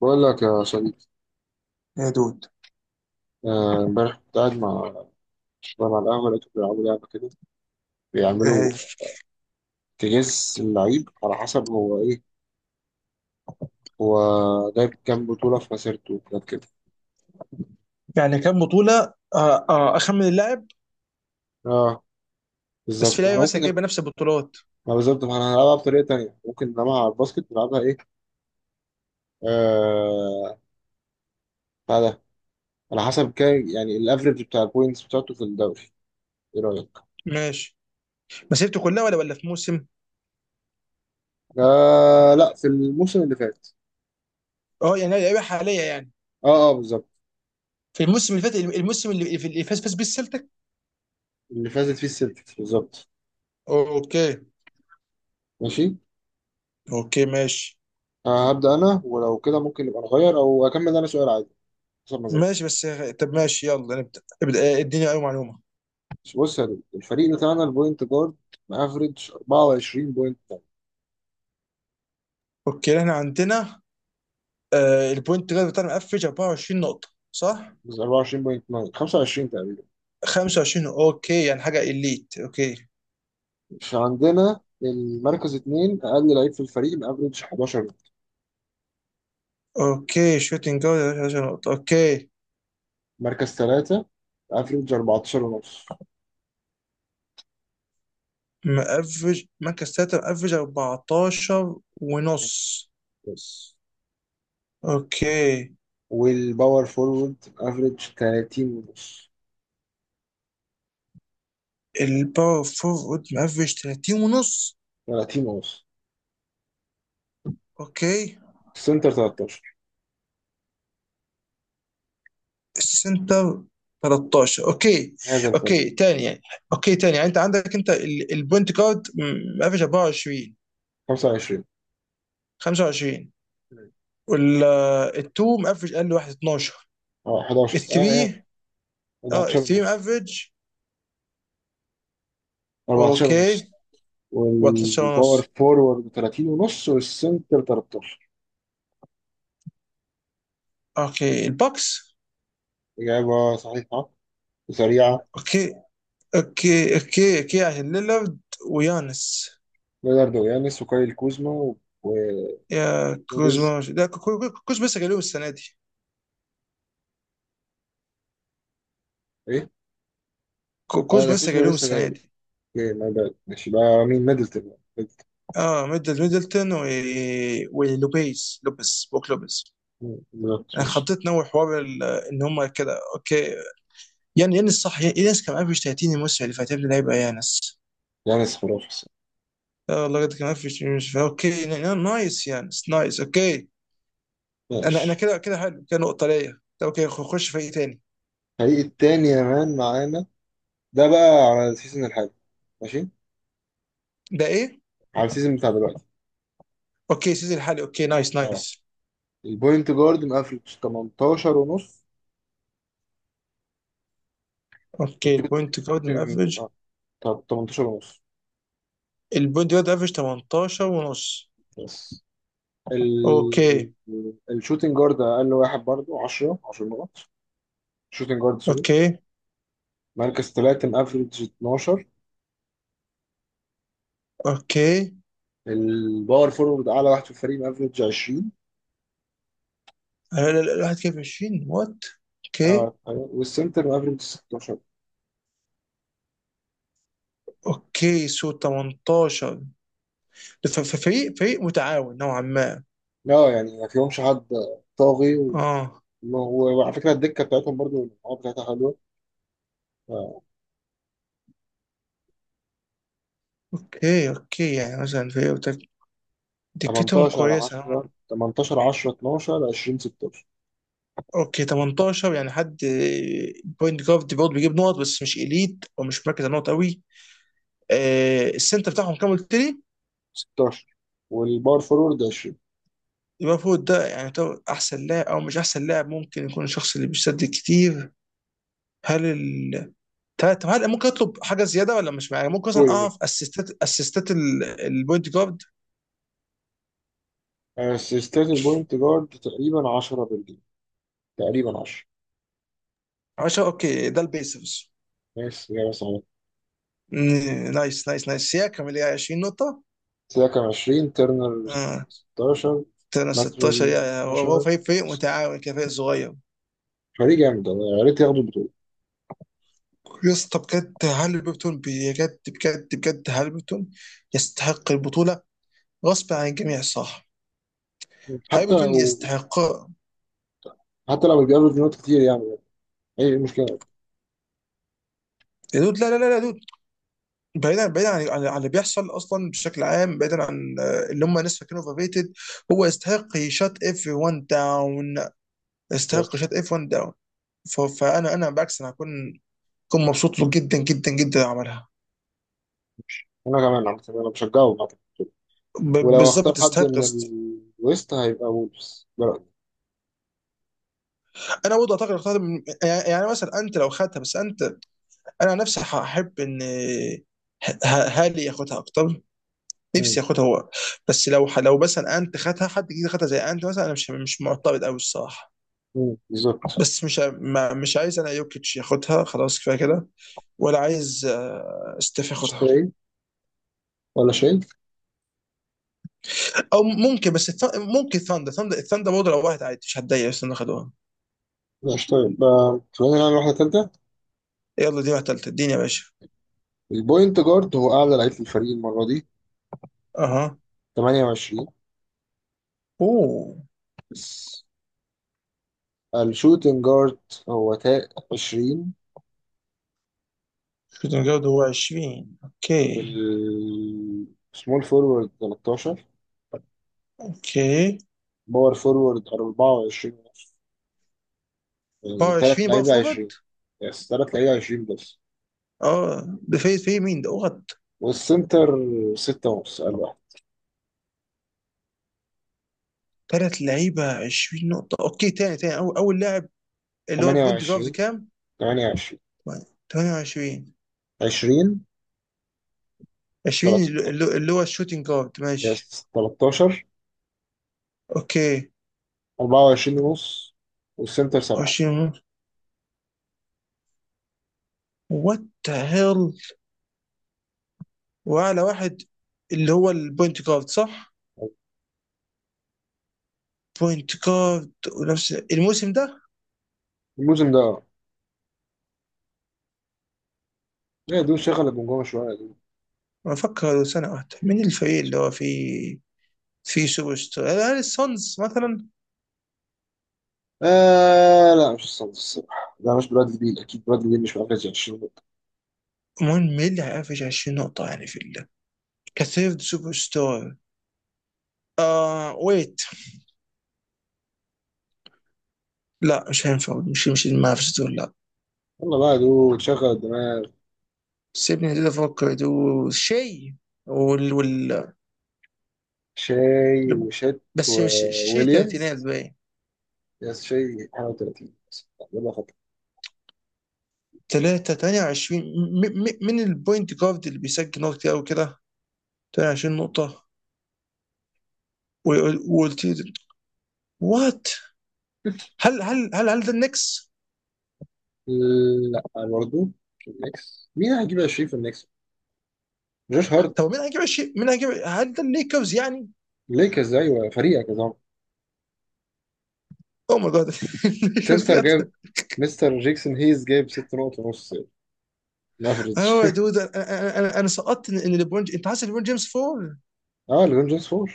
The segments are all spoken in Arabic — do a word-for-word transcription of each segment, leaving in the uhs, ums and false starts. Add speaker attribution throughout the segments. Speaker 1: بقول لك يا صديقي.
Speaker 2: يا دود.
Speaker 1: آه، امبارح كنت قاعد مع شباب على القهوة، لقيتهم بيلعبوا لعبة كده،
Speaker 2: ايه
Speaker 1: بيعملوا
Speaker 2: هي؟
Speaker 1: تجهيز اللعيب على حسب هو ايه. هو جايب كام بطولة في مسيرته وكده كده.
Speaker 2: يعني كام بطولة، آه آه أخمن اللاعب.
Speaker 1: اه
Speaker 2: بس في
Speaker 1: بالظبط، احنا
Speaker 2: لعيبة
Speaker 1: ممكن
Speaker 2: مثلا
Speaker 1: نلعب.
Speaker 2: جايبة نفس البطولات.
Speaker 1: ما بالظبط، ما احنا هنلعبها بطريقة تانية، ممكن نلعبها على الباسكت، نلعبها ايه آه بتاع ده، على حسب كام يعني الافريج بتاع البوينتس بتاعته في الدوري. ايه رأيك؟
Speaker 2: ماشي. مسيرته كلها ولا ولا في موسم؟
Speaker 1: آه لا، في الموسم اللي فات.
Speaker 2: اه يعني لعيبة حالية يعني.
Speaker 1: اه اه بالظبط.
Speaker 2: في الموسم اللي فات، الموسم اللي في- اللي فاز فاز بيه السلتك.
Speaker 1: اللي فازت فيه السلتكس، بالظبط.
Speaker 2: اوكي
Speaker 1: ماشي.
Speaker 2: اوكي ماشي
Speaker 1: آه، هبدأ أنا، ولو كده ممكن نبقى نغير، أو أكمل أنا سؤال عادي حسب مزاجي.
Speaker 2: ماشي بس. طب ماشي، يلا نبدأ ابدأ، آه، اديني أي معلومة.
Speaker 1: بص يا دود، الفريق بتاعنا البوينت جارد مافريج اربعة وعشرين بوينت.
Speaker 2: اوكي احنا عندنا، آه البوينت جارد بتاعنا مقفش أربعة وعشرين نقطة صح؟
Speaker 1: اربعة وعشرين بوينت تسعة، خمسة وعشرين تقريبا.
Speaker 2: خمسة وعشرين، اوكي يعني حاجة إليت. اوكي
Speaker 1: مش عندنا، المركز اتنين أقل لعيب في الفريق مافريج حداشر.
Speaker 2: اوكي، شوتنج جارد عشرة نقطة. اوكي،
Speaker 1: مركز تلاتة افريج اربعتاشر ونص
Speaker 2: مقفش مركز تلاتة، مقفش أربعتاشر ونص.
Speaker 1: بس.
Speaker 2: اوكي،
Speaker 1: والباور فورورد افريج تلاتين ونص.
Speaker 2: الباور فورورد مقفش تلاتين ونص.
Speaker 1: تلاتين ونص.
Speaker 2: اوكي،
Speaker 1: السنتر تلتاشر.
Speaker 2: السنتر تلتاشر. اوكي.
Speaker 1: هذا الفريق.
Speaker 2: اوكي تاني يعني، اوكي تاني يعني انت عندك انت ال- البوينت جارد م- مقفش أربعة وعشرين.
Speaker 1: خمسة وعشرين.
Speaker 2: خمسة وعشرين. والتو مقفش اقل واحد اتناشر.
Speaker 1: اه حداشر اه يعني.
Speaker 2: الثري، اه
Speaker 1: اربعتاشر
Speaker 2: الثري
Speaker 1: ونص.
Speaker 2: مقفش.
Speaker 1: اربعتاشر
Speaker 2: اوكي
Speaker 1: ونص.
Speaker 2: تلتاشر
Speaker 1: والباور
Speaker 2: ونص.
Speaker 1: فورورد تلاتين ونص والسنتر تلتاشر.
Speaker 2: اوكي البوكس.
Speaker 1: إجابة صحيحة وسريعة.
Speaker 2: اوكي اوكي اوكي اوكي عشان ليلارد ويانس.
Speaker 1: ليوناردو يانس وكايل كوزما
Speaker 2: يا
Speaker 1: ولوبيز.
Speaker 2: كوزما، لا، كو- كو- كوزما لسه جاي لهم السنه دي.
Speaker 1: إيه؟
Speaker 2: كو-
Speaker 1: آه ده
Speaker 2: كوزما لسه
Speaker 1: كوزما
Speaker 2: جاي لهم
Speaker 1: لسه
Speaker 2: السنه
Speaker 1: جاي.
Speaker 2: دي.
Speaker 1: أوكي ما بقى، ماشي بقى، مين؟ ميدلتون ميدلتون.
Speaker 2: اه ميدل ميدلتون و... ولوبيز، لوبيز بوك لوبيز.
Speaker 1: مم، بالظبط
Speaker 2: انا
Speaker 1: ماشي.
Speaker 2: خطيت نوع حوار ال- ان هم كده. اوكي يعني يانس صح، يا- يانس كان قافش تلاتين الموسم اللي فات، يا ابني ده هيبقى يانس.
Speaker 1: يانس خرافي الصراحة.
Speaker 2: اه لقد كان قافش الموسم. اوكي، نا- نا- نايس، يانس نايس. اوكي، انا انا
Speaker 1: ماشي.
Speaker 2: كده كده حلو كده، نقطه ليا. طب اوكي، خ- خش فريق تاني.
Speaker 1: الفريق التاني يا مان معانا، ده بقى على السيزون الحالي. ماشي.
Speaker 2: ده ايه؟
Speaker 1: على السيزون بتاع دلوقتي.
Speaker 2: اوكي سيزي الحالي، اوكي نايس
Speaker 1: اه،
Speaker 2: نايس.
Speaker 1: البوينت جارد مقفل تمنتاشر ونص.
Speaker 2: اوكي
Speaker 1: الشوت-
Speaker 2: البوينت جارد
Speaker 1: الشوتنج
Speaker 2: افريج،
Speaker 1: اه، طب تمنتاشر ونص
Speaker 2: البوينت جارد افريج تمنتاشر ونص.
Speaker 1: بس. ال...
Speaker 2: اوكي
Speaker 1: الشوتنج جارد اقل واحد برضو عشرة عشرة نقط. شوتنج جارد سوري.
Speaker 2: اوكي
Speaker 1: مركز ثلاثة مافريج اتناشر.
Speaker 2: اوكي،
Speaker 1: الباور فورورد اعلى واحد في الفريق مافريج عشرين.
Speaker 2: لا لا لا، الواحد كده في عشرين، وات. اوكي.
Speaker 1: اه أيوة. والسنتر مافريج ستاشر.
Speaker 2: اوكي سو تمنتاشر، ف- ف- فريق فريق متعاون نوعا ما.
Speaker 1: لا يعني ما فيهمش حد طاغي و...
Speaker 2: اه.
Speaker 1: وعلى فكره الدكه بتاعتهم برضو المجموعات بتاعتها حلوه. آه،
Speaker 2: اوكي اوكي يعني مثلا فريق بتاك- دكتهم
Speaker 1: تمنتاشر
Speaker 2: كويسه نوعاً
Speaker 1: عشرة
Speaker 2: ما.
Speaker 1: تمنتاشر عشرة اتناشر عشرين ستاشر.
Speaker 2: اوكي تمنتاشر يعني حد، بوينت جارد برضه بيجيب نقط بس مش اليت ومش مركز على النقط قوي. آه السنتر بتاعهم كام قلت لي؟
Speaker 1: ستاشر والباور فورورد عشرين.
Speaker 2: يبقى فوق ده يعني يعتبر احسن لاعب او مش احسن لاعب، ممكن يكون الشخص اللي بيسدد كتير. هل ال... طب طب هل ممكن اطلب حاجه زياده، ولا مش يعني ممكن مثلا
Speaker 1: قول قول.
Speaker 2: اعرف اسيستات، اسيستات ال- البوينت جارد.
Speaker 1: اسيستات البوينت جارد تقريبا عشرة بالجيم، تقريبا عشرة.
Speaker 2: عشرة، اوكي ده البيسرز.
Speaker 1: ماشي، إجابة صحيحة.
Speaker 2: مم، نايس نايس نايس، يا كامل، يا عشرين نقطه.
Speaker 1: سيدا كان عشرين، ترنر
Speaker 2: اه
Speaker 1: ستاشر،
Speaker 2: تنا
Speaker 1: ماستر
Speaker 2: ستاشر، يا يا- هو هو
Speaker 1: اتناشر.
Speaker 2: فريق فريق متعاون كده، فريق صغير.
Speaker 1: فريق جامد والله، يا ريت ياخدوا البطولة.
Speaker 2: يا اسطى بجد، هل بيبتون بجد بجد بجد، هل بيبتون يستحق البطوله غصب عن الجميع، صح؟ هل
Speaker 1: حتى
Speaker 2: بيبتون
Speaker 1: لو
Speaker 2: يستحق.
Speaker 1: حتى لو اتجابوا بنقط كتير يعني أي مشكلة.
Speaker 2: يا دود، لا لا لا يا دود، بعيدا بعيدا عن عن عن اللي بيحصل اصلا بشكل عام، بعيدا عن آه، اللي هم الناس فاكرينه اوفرريتد. هو يستحق يشات اف واحد داون، يستحق
Speaker 1: بس
Speaker 2: يشات اف واحد داون. فانا انا بالعكس، انا هكون هكون مبسوط له جدا جدا جدا لو عملها.
Speaker 1: أنا كمان عم أنا بشجعهم على البطولة.
Speaker 2: ب-
Speaker 1: ولو هختار
Speaker 2: بالظبط
Speaker 1: حد
Speaker 2: يستحق
Speaker 1: من
Speaker 2: است-
Speaker 1: الويست هيبقى وولفز، ده رأيي.
Speaker 2: انا برضه اعتقد اختار من- يعني يعني مثلا انت لو خدتها، بس انت انا عن نفسي هحب ان ه- ه- هالي ياخدها اكتر، نفسي
Speaker 1: مم.
Speaker 2: ياخدها هو. بس لو لو مثلا انت خدها حد جديد، خدها زي انت مثلا، انا مش مش معترض قوي الصراحه.
Speaker 1: مم. بالظبط.
Speaker 2: بس مش ع- ما- مش عايز انا يوكيتش ياخدها، خلاص كفايه كده. ولا عايز آه، ستيف ياخدها.
Speaker 1: شاي ولا شاي؟
Speaker 2: او ممكن، بس الث- ممكن ثاندر، ثاندر الثاندر برضه لو واحد عادي مش هتضايق، بس انه خدوها.
Speaker 1: لا شاي، خلينا نعمل واحدة تالتة.
Speaker 2: يلا دي واحده ثالثه، اديني يا باشا.
Speaker 1: البوينت جارد هو أعلى لعيب في الفريق المرة دي،
Speaker 2: اها.
Speaker 1: تمنية وعشرين
Speaker 2: اوه.
Speaker 1: بس. الشوتنج جارد هو تا عشرين.
Speaker 2: شوتنج جارد هو عشرين، اوكي.
Speaker 1: والسمول فورورد تلتاشر.
Speaker 2: اوكي
Speaker 1: باور فورورد اربعة وعشرين ونص. يعني
Speaker 2: باور
Speaker 1: تلات
Speaker 2: عشرين، باور
Speaker 1: لعيبة
Speaker 2: فورورد.
Speaker 1: عشرين. يس تلات لعيبة عشرين بس.
Speaker 2: اه ده في في مين ده؟ اوغد.
Speaker 1: والسنتر ستة ونص، قال واحد.
Speaker 2: ثلاث لعيبه عشرين نقطه. اوكي تاني تاني، اول اول لاعب اللي هو البوينت جارد
Speaker 1: تمنية وعشرين.
Speaker 2: كام؟
Speaker 1: تمنية وعشرين
Speaker 2: تمنية وعشرين.
Speaker 1: عشرين
Speaker 2: عشرين
Speaker 1: تلتاشر.
Speaker 2: اللي اللي هو الشوتنج جارد، ماشي.
Speaker 1: يس تلتاشر
Speaker 2: اوكي.
Speaker 1: اربعة وعشرين ونص والسنتر سبعة.
Speaker 2: واشنطن. وات ذا هيل. واعلى واحد اللي هو البوينت جارد صح؟ بوينت جارد ونفس الموسم ده.
Speaker 1: الموسم ده. لا دول شغل الجمجمة شوية يا دول.
Speaker 2: ما افكر سنه واحده، مين الفريق اللي هو فيه؟ فيه سوبر ستار؟ هل السونز مثلا؟
Speaker 1: آه لا، مش الصندوق الصراحة، ده مش برادلي بيل، أكيد برادلي بيل مش مركز عشرين.
Speaker 2: المهم مين اللي هيقفش عشرين نقطه يعني في ال- كثيرد سوبر ستار. آه ويت، لا مش هينفع، مش مش المنافسة دول لا.
Speaker 1: يلا بقى يا دود، شغل الدماغ.
Speaker 2: سيبني كده افكر، دول شيء. وال وال
Speaker 1: شاي وشت
Speaker 2: بس شيء تلاتينات
Speaker 1: وويليامز.
Speaker 2: باين.
Speaker 1: يس شاي واحد وتلاتين، يلا خطر.
Speaker 2: ثلاثة تمنية وعشرين. م- م- من البوينت جارد اللي بيسجل نقط كتير قوي كده، ثمانية وعشرون نقطة. و- وقلت لي، وات؟ هل هل هل هل ده النكس؟
Speaker 1: لا برضه. النكس مين هيجيب عشرين في النكس؟ جوش
Speaker 2: طب
Speaker 1: هارت.
Speaker 2: مين هيجيب عشرين، مين هيجيب؟ هل ده الليكرز يعني؟
Speaker 1: ليكرز، ايوه فريقك يا زلمه.
Speaker 2: او ماي جاد، الليكرز
Speaker 1: سنتر
Speaker 2: بجد.
Speaker 1: جاب، مستر جيكسون هيز جاب ستة نقط ونص مافريج.
Speaker 2: اه يا دود، انا انا انا أنا سقطت ان، إن ليبرون، انت حاسس ليبرون جيمس فول.
Speaker 1: اه ليبرون جيمس اربعة،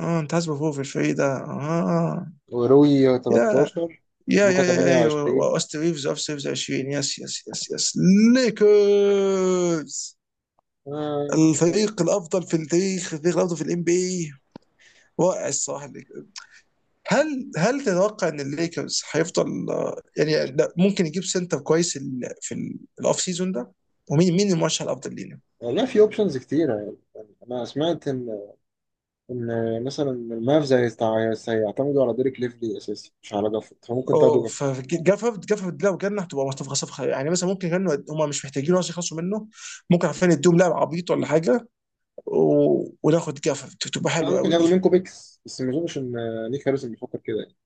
Speaker 2: اه انت حاسس فول في الفريق ده، اه.
Speaker 1: وروي
Speaker 2: يا
Speaker 1: تلتاشر،
Speaker 2: يا
Speaker 1: لوكا
Speaker 2: يا يا يا
Speaker 1: تمنية وعشرين.
Speaker 2: واست ريفز اوف سيفز عشرين، يس يس يس يس. ليكرز،
Speaker 1: آه
Speaker 2: الفريق الافضل في التاريخ، الفريق الافضل في الام بي اي. رائع الصراحه الليكرز. هل هل تتوقع ان الليكرز هيفضل، يعني لا، ممكن يجيب سنتر كويس ال- في الاوف سيزون ده. ومين مين المرشح الافضل لينا؟
Speaker 1: والله في اوبشنز كتيرة يعني. انا سمعت ان ان مثلا المavs هيست- هيعتمدوا على ديريك ليفلي اساسي، مش على جافورد، فممكن تاخدوا
Speaker 2: اوه،
Speaker 1: جافورد.
Speaker 2: فجافرد جافرد لو جالنا هتبقى صفقه صفقه يعني، مثلا ممكن كانوا هم مش محتاجين اصلا يخلصوا منه، ممكن عارفين يدوهم لاعب عبيط ولا حاجه، و... وناخد جافرد، تبقى
Speaker 1: لا،
Speaker 2: حلوه
Speaker 1: ممكن
Speaker 2: قوي
Speaker 1: ياخدوا
Speaker 2: دي.
Speaker 1: منكم بيكس، بس ما اظنش ان نيك هاريسون بيفكر كده يعني.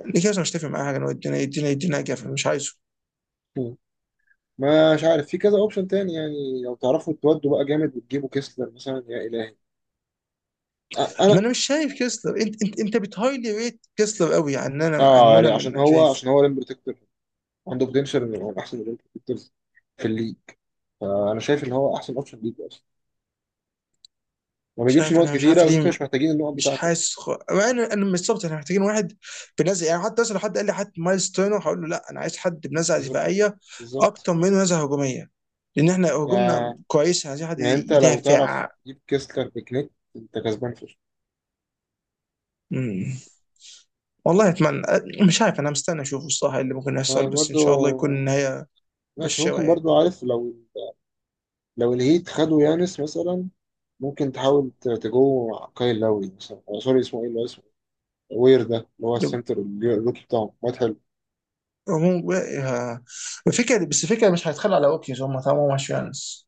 Speaker 2: الليكرز، أنا مش هتفق معاها حاجه إنه يدينا يدينا يدينا جافرد، مش عايزه.
Speaker 1: مم. مش عارف، في كذا اوبشن تاني، يعني لو تعرفوا تودوا بقى جامد وتجيبوا كيسلر مثلا، يا الهي. أ-
Speaker 2: ما
Speaker 1: انا
Speaker 2: انا مش شايف كيسلر، انت انت انت بتهايلي ريت كيسلر قوي عن انا،
Speaker 1: اه،
Speaker 2: عن
Speaker 1: يعني
Speaker 2: انا من
Speaker 1: عشان
Speaker 2: انا
Speaker 1: هو
Speaker 2: شايف.
Speaker 1: عشان هو ريم بروتكتور، عنده بوتنشال انه يبقى من احسن ريم بروتكتورز في الليج. فانا شايف ان هو احسن اوبشن ليك اصلا. ما
Speaker 2: مش
Speaker 1: بيجيبش
Speaker 2: عارف
Speaker 1: نقط
Speaker 2: انا، مش
Speaker 1: كتيره
Speaker 2: عارف
Speaker 1: بس انتوا
Speaker 2: ليه،
Speaker 1: مش محتاجين النقط
Speaker 2: مش
Speaker 1: بتاعته اصلا.
Speaker 2: حاسس خ... انا انا مش بالظبط، احنا محتاجين واحد بنزع يعني، حتى مثلا لو حد قال لي، حد مايلز تيرنر هقول له لا، انا عايز حد بنزعه
Speaker 1: بالظبط
Speaker 2: دفاعيه
Speaker 1: بالظبط.
Speaker 2: اكتر منه نزعه هجوميه، لان احنا
Speaker 1: يعني
Speaker 2: هجومنا كويس، عايزين حد
Speaker 1: يعني انت لو تعرف
Speaker 2: يدافع.
Speaker 1: تجيب كيسلر بكنيك انت كسبان فشخ.
Speaker 2: مم. والله اتمنى، مش عارف، انا مستني اشوف الصراحه إيه اللي ممكن يحصل،
Speaker 1: آه،
Speaker 2: بس ان شاء
Speaker 1: برضو
Speaker 2: الله يكون النهايه
Speaker 1: ماشي،
Speaker 2: بشوه
Speaker 1: ممكن
Speaker 2: يعني.
Speaker 1: برضو، عارف، لو لو الهيت خدوا يانس مثلا، ممكن تحاول ت- تجو كايل لاوي مثلا، آه، سوري اسمه ايه اللي هو اسمه وير، ده اللي هو السنتر اللي- الروكي بتاعهم، واد حلو.
Speaker 2: هو- آه، الفكره بس، الفكره مش هيتخلوا على اوكيز هم طالما مش يانس.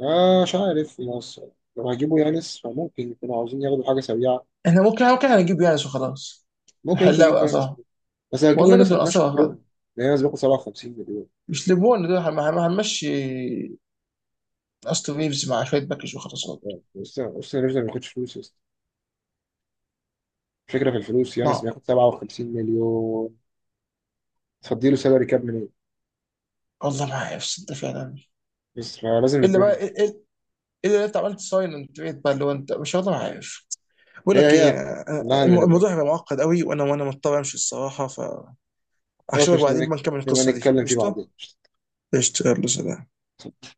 Speaker 1: آه مش عارف في مصر، لو هجيبوا يانس فممكن يكونوا عاوزين ياخدوا حاجة سريعة.
Speaker 2: احنا ممكن ممكن هنجيب يانس وخلاص،
Speaker 1: ممكن انتوا
Speaker 2: نحلها
Speaker 1: تجيبوا يانس،
Speaker 2: وقصها.
Speaker 1: بس لو هتجيبوا
Speaker 2: والله
Speaker 1: يانس
Speaker 2: جد من
Speaker 1: هتمشوا
Speaker 2: قصها هذا.
Speaker 1: برون، لان يانس بياخد سبعة وخمسين مليون.
Speaker 2: مش ليبون، دول هن- هن- هنمشي استون ريفز مع شويه باكج وخلاص برضه.
Speaker 1: بس بس يانس ما بياخدش فلوس يا اسطى. الفكرة في الفلوس، يانس
Speaker 2: لا
Speaker 1: بياخد سبعة وخمسين مليون، تفضيله سالري كاب منين؟
Speaker 2: والله ما عارف صدق فعلا.
Speaker 1: بس فلازم
Speaker 2: الا
Speaker 1: ليبرون
Speaker 2: بقى إل-
Speaker 1: يمشي.
Speaker 2: إل- الا لو انت عملت ساين اند تريد بقى اللي هو انت مش، والله ما عارف. بقول
Speaker 1: هي
Speaker 2: لك ايه،
Speaker 1: هي
Speaker 2: آه،
Speaker 1: كلها ان
Speaker 2: الم- الموضوع
Speaker 1: ليبرون.
Speaker 2: هيبقى معقد قوي، وانا وانا مضطر امشي الصراحه.
Speaker 1: خلاص،
Speaker 2: فاشوفك
Speaker 1: مش نبقى
Speaker 2: بعدين
Speaker 1: نك-
Speaker 2: بقى، نكمل
Speaker 1: نبقى
Speaker 2: القصه دي
Speaker 1: نتكلم فيه
Speaker 2: قشطه.
Speaker 1: بعدين.
Speaker 2: قشطه، يلا سلام.